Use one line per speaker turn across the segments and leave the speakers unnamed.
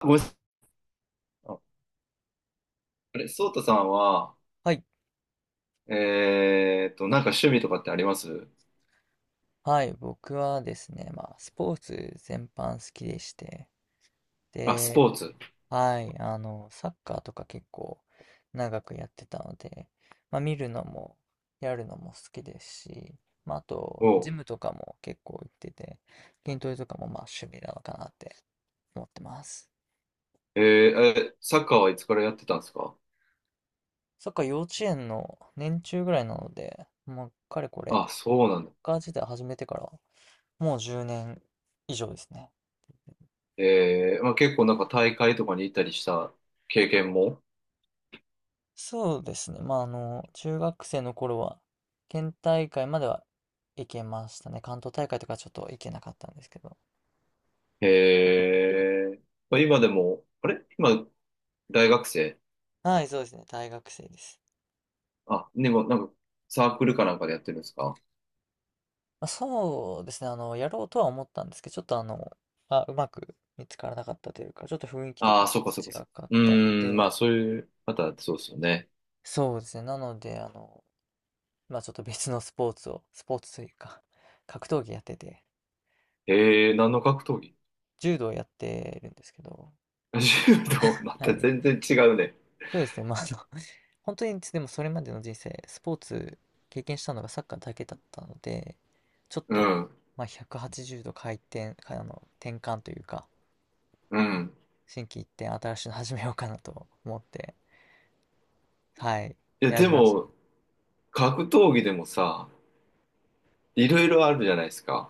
ごめんなさい。あ、あれ、ソータさんは、
はい。
なんか趣味とかってあります？
はい。僕はですね、まあ、スポーツ全般好きでして、
あ、スポ
で、
ーツ。
はい。あの、サッカーとか結構長くやってたので、まあ、見るのも、やるのも好きですし、まあ、あと、
お
ジム
う。
とかも結構行ってて、筋トレとかもまあ趣味なのかなって思ってます。
えー、え、サッカーはいつからやってたんですか？
サッカー幼稚園の年中ぐらいなので、もう、かれこれ、サ
あ、
ッ
そうなんだ。
カー自体始めてから、もう10年以上ですね。
えー、まあ、結構なんか大会とかに行ったりした経験も。
そうですね。まあ、あの、中学生の頃は、県大会までは行けましたね。関東大会とかちょっと行けなかったんですけど。
えー、まあ、今でも、あれ今、大学生？
はい、そうですね。大学生です。
あ、でもなんかサークルかなんかでやってるんですか？
まあ、そうですね。あの、やろうとは思ったんですけど、ちょっとあの、あ、うまく見つからなかったというか、ちょっと雰囲気と
あ
か
あー、
も
そっかそっ
違
かそっか。
かっ
う
たの
ーん、まあ
で、
そういう、またそうですよね。
そうですね。なので、あの、まあ、ちょっと別のスポーツというか、格闘技やってて、
えー、何の格闘技？
柔道やってるんですけど、
柔道、ま
は
た
い。
全然違うね。
そうですね。まあ、あの、本当にでもそれまでの人生、スポーツ経験したのがサッカーだけだったので、ちょっ
う
と、
ん。
まあ、180度回転、かあの、転換というか、
うん。
心機一転、新しいの始めようかなと思って、はい、
いや、
選
で
びましたね。
も、格闘技でもさ、いろいろあるじゃないですか。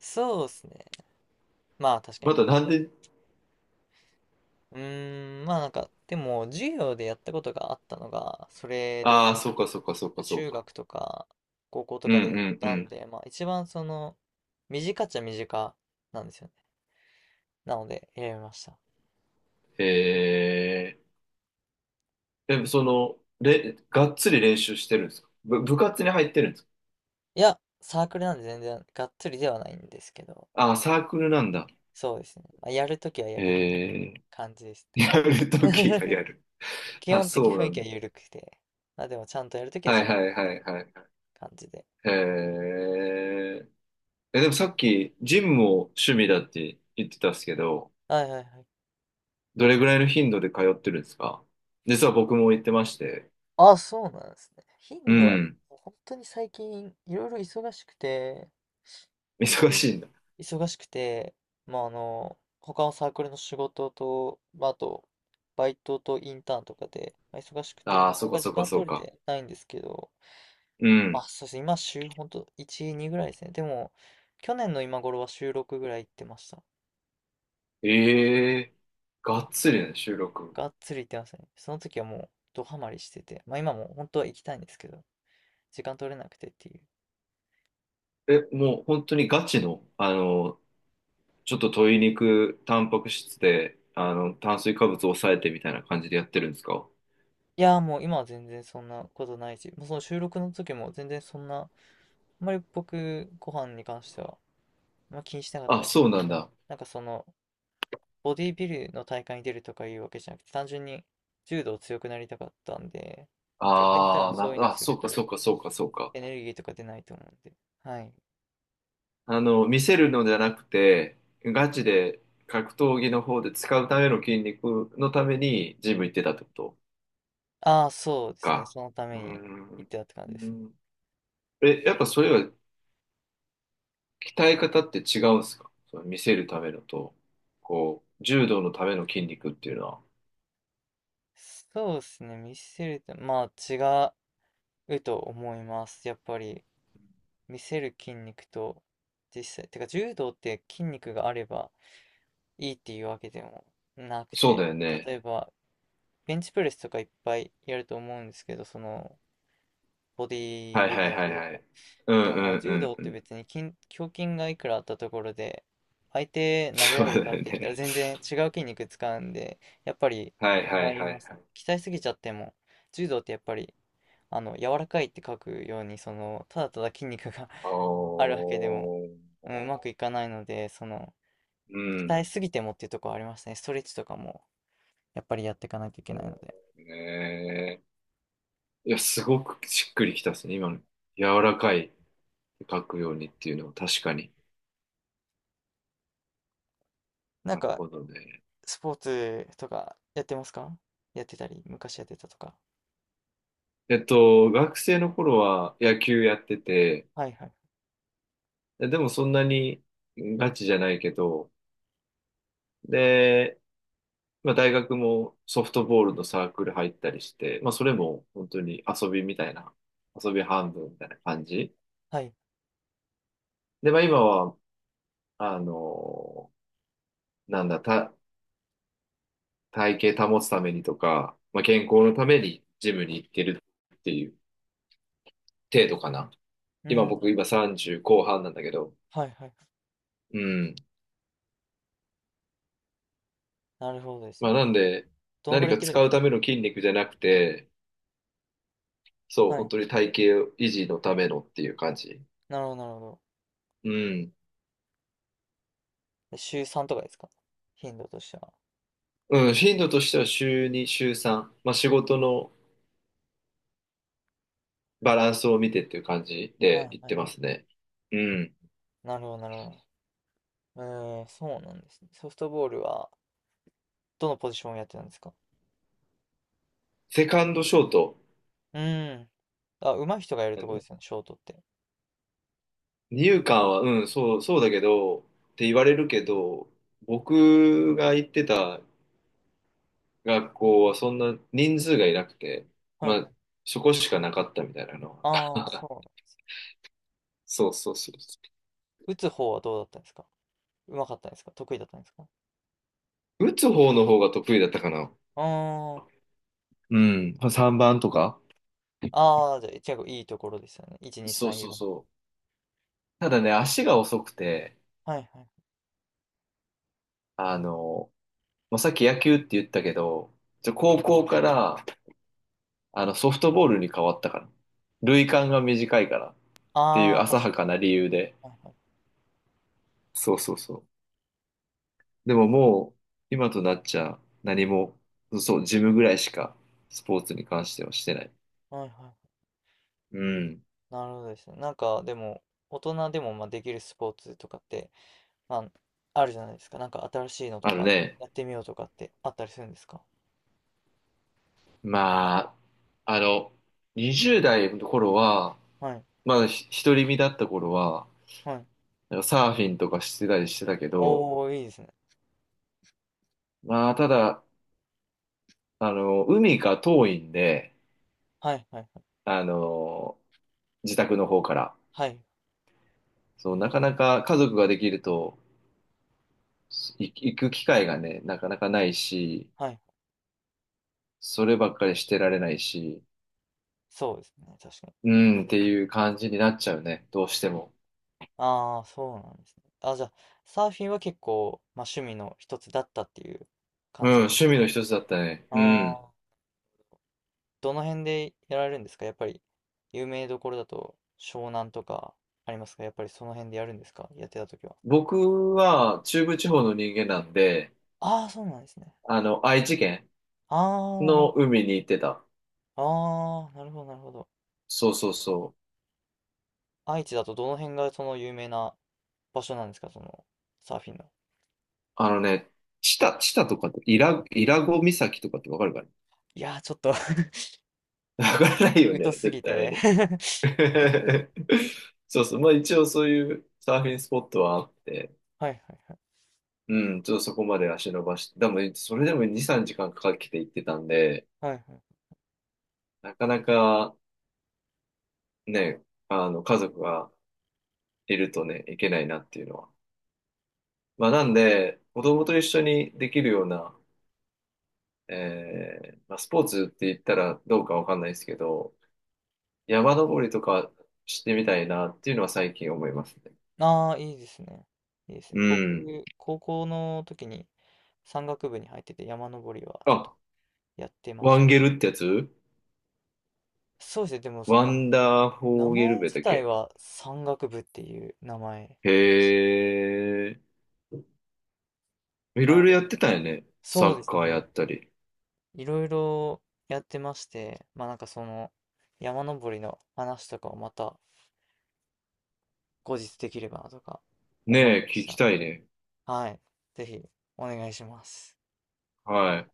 そうですね。まあ確か
ま
に。
たなんで？
うーん、まあなんか、でも授業でやったことがあったのが、それ
あ
で、
あ、そうかそうかそうかそう
中
か。
学とか高校と
うん
か
う
でやっ
んう
たん
ん。
で、まあ一番その、短っちゃ短なんですよね。なので選びました。
へえ。でも、その、がっつり練習してるんですか？部活に入ってるんですか？
いや、サークルなんで全然がっつりではないんですけど、
ああー、サークルなんだ。
そうですね。まあ、やるときはやる
へえ。
感じです
やる
ね。
ときが やる。
基
あ、
本的
そ
雰囲
うなん
気は
だ。
緩くて、まあでもちゃんとやるときは
は
ちゃ
い
んと
はいはいはいは
感じで。
い。へえ、でもさっき、ジムも趣味だって言ってたんですけど、
はいはいはい。
どれぐらいの頻度で通ってるんですか？実は僕も行ってまして。
あ、そうなんですね。
う
頻度は、
ん。
もう本当に最近いろいろ忙しくて、本
忙
当に
しいんだ。
忙しくて、まああの、他のサークルの仕事と、まあ、あと、バイトとインターンとかで、まあ忙しくて、
ああ、
なか
そう
な
か
か
そ
時
うか
間
そう
取れ
か。
てないんですけど、
う
あ、
ん。
そうですね。今、週、ほんと、1、2ぐらいですね。でも、去年の今頃は週6ぐらい行ってました。
ええ、がっつりね、収録。
がっつり行ってますね。その時はもう、ドハマりしてて。まあ今も本当は行きたいんですけど、時間取れなくてっていう。
え、もう本当にガチの、あの、ちょっと鶏肉、タンパク質で、あの、炭水化物を抑えてみたいな感じでやってるんですか？
いやーもう今は全然そんなことないし、もうその収録の時も全然そんな、あんまり僕、ご飯に関しては、あんま気にしてなかった
あ、
です。
そうなんだ。
なんかその、ボディビルの大会に出るとかいうわけじゃなくて、単純に柔道強くなりたかったんで、逆に多
あ
分
あ、
そういうのを
な、あ、
す
そ
る
うか
と
そうかそうかそうか。
エネルギーとか出ないと思うんで。はい。
あの、見せるのじゃなくて、ガチで格闘技の方で使うための筋肉のためにジム行ってたってこと
ああ、そうですね。
か。
そのた
う
め
ー
に行っ
ん。
てたって感じで
う
すね。
ん、え、やっぱそれは鍛え方って違うんですか？その見せるためのと、こう、柔道のための筋肉っていうのは。
そうですね。見せると、まあ違うと思います。やっぱり見せる筋肉と実際、てか柔道って筋肉があればいいっていうわけでもなく
そう
て、
だよね。
例えばベンチプレスとかいっぱいやると思うんですけど、そのボディー
はい
ビ
は
ル
い
ダー
は
と
い
いう
は
か、
い。う
で
んう
も
んう
柔道
ん
っ
う
て
ん。
別に胸筋がいくらあったところで、相手投げ
そ
ら
う
れ
だ
るかって
よ
言ったら
ね。
全然違う筋肉使うんで、やっぱり
はいはい
違
は
い
いは
ま
い。
すね。鍛えすぎちゃっても、柔道ってやっぱり、あの、柔らかいって書くように、その、ただただ筋肉が
お
あるわけでも、
ー。
うん、うまくいかないので、その、
うん。
鍛えすぎてもっていうところありますね。ストレッチとかも、やっぱりやっていかないといけないので。
ねえ、いや、すごくしっくりきたですね。今の柔らかい書くようにっていうのは確かに。
なん
なる
か、
ほどね。
スポーツとかやってますか？やってたり、昔やってたとか。
えっと、学生の頃は野球やってて、
はいはい。
で、でもそんなにガチじゃないけど、で、まあ大学もソフトボールのサークル入ったりして、まあそれも本当に遊びみたいな、遊び半分みたいな感じ。
はい。
で、まあ今は、あの、なんだ、体型保つためにとか、まあ健康のためにジムに行ってるっていう程度かな。
う
今
ん。
僕今30後半なんだけど。
はいはい。
うん。
なるほどです
まあ
ね。
なんで、
どのぐ
何
らい行
か
ってるん
使
です
う
か？
ための筋肉じゃなくて、そう、
は
本
い。
当に体型維持のためのっていう感じ。
なるほど、なるほど。
うん。
で週3とかですか？頻度としては。
うん、頻度としては週2、週3。まあ仕事のバランスを見てっていう感じ
はい
で
はい
言っ
は
てます
い。
ね。うん。
なるほど、なるほど。えー、そうなんですね。ソフトボールは、どのポジションをやってたんですか？
セカンドショート。
うーん。あ、上手い人がやる
あ
ところ
の、
ですよね、ショートって。
二遊間は、うん、そう、そうだけど、って言われるけど、僕が言ってた学校はそんな人数がいなくて、
はい
ま
は
あ、
い。
そこしかなかったみたいなの
ああ、
は。
そ
そうそうそうそ
う。打つ方はどうだったんですか？上手かったんですか？得意だったんですか？
う。打つ方の方が得意だったかな。
うーん。
うん。3番とか。
ああ、じゃあ、結構いいところですよね。1、2、
そう
3、
そう
4。
そう。ただね、足が遅くて、
はいはい。
あの、まあ、さっき野球って言ったけど、じゃ高校からあのソフトボールに変わったから。塁間が短いからってい
あ
う
あ、確
浅
か
はかな理由で。
に。はいは
そうそうそう。でももう、今となっちゃ、何も、そう、ジムぐらいしか、スポーツに関してはしてない。
い。はいはい。
うん。
なるほどですね。なんか、でも、大人でもまあできるスポーツとかって、まあ、あるじゃないですか。なんか新しいのと
あの
か、
ね、
やってみようとかってあったりするんですか？
まあ、あの、20代の頃は、
はい、
まだ独り身だった頃は、
はい。
なんかサーフィンとかしてたりしてたけど、
おお、いいですね。
まあ、ただ、あの、海が遠いんで、
はい、はい、
あの、自宅の方から。
はい、はい
そう、なかなか家族ができると、行く機会がね、なかなかないし、
はい。
そればっかりしてられないし、
そうですね。確かに。
うん、っていう感じになっちゃうね。どうしても。
ああ、そうなんですね。あ、じゃあ、サーフィンは結構、まあ、趣味の一つだったっていう
う
感
ん、
じ。
趣味の一つだったね。う
あ
ん。
あ、どの辺でやられるんですか？やっぱり、有名どころだと、湘南とかありますか？やっぱりその辺でやるんですか？やってた時は。
僕は中部地方の人間なんで、
ああ、そうなんですね。
あの、愛知県
ああ、なるほ
の
ど。
海に行ってた。
ああ、なるほど、なるほど。
そうそうそう。
愛知だとどの辺がその有名な場所なんですか、そのサーフィンの。
あのね、知多とかって、伊良湖岬とかってわかるかね？
いやー、ちょっと
わからないよ
疎
ね、
す
絶
ぎ
対
て
に。そうそう。まあ一応そういうサーフィンスポットはあって、
はいはいはい。
うん、ちょっとそこまで足伸ばして、でも、それでも2、3時間かけて行ってたんで、
はいはい。
なかなか、ね、あの、家族がいるとね、いけないなっていうのは。まあ、なんで、子供と一緒にできるような、えーまあ、スポーツって言ったらどうかわかんないですけど、山登りとかしてみたいなっていうのは最近思いますね。
ああ、いいですね。いいです
う
ね。僕、
ん。
高校の時に山岳部に入ってて山登りはちょっと
あ、
やってま
ワ
した。
ンゲルってやつ？
そうですね。でもそ
ワ
の
ンダーフ
名
ォーゲル
前
ベだ
自
っ
体
け？
は山岳部っていう名前
へえ。いろい
な、
ろやってたよね。サ
そうで
ッ
す
カーや
ね。
ったり。
いろいろやってまして、まあなんかその山登りの話とかをまた後日できればなとか思い
ねえ、
まし
聞き
た。
たいね。
はい。ぜひお願いします。
はい。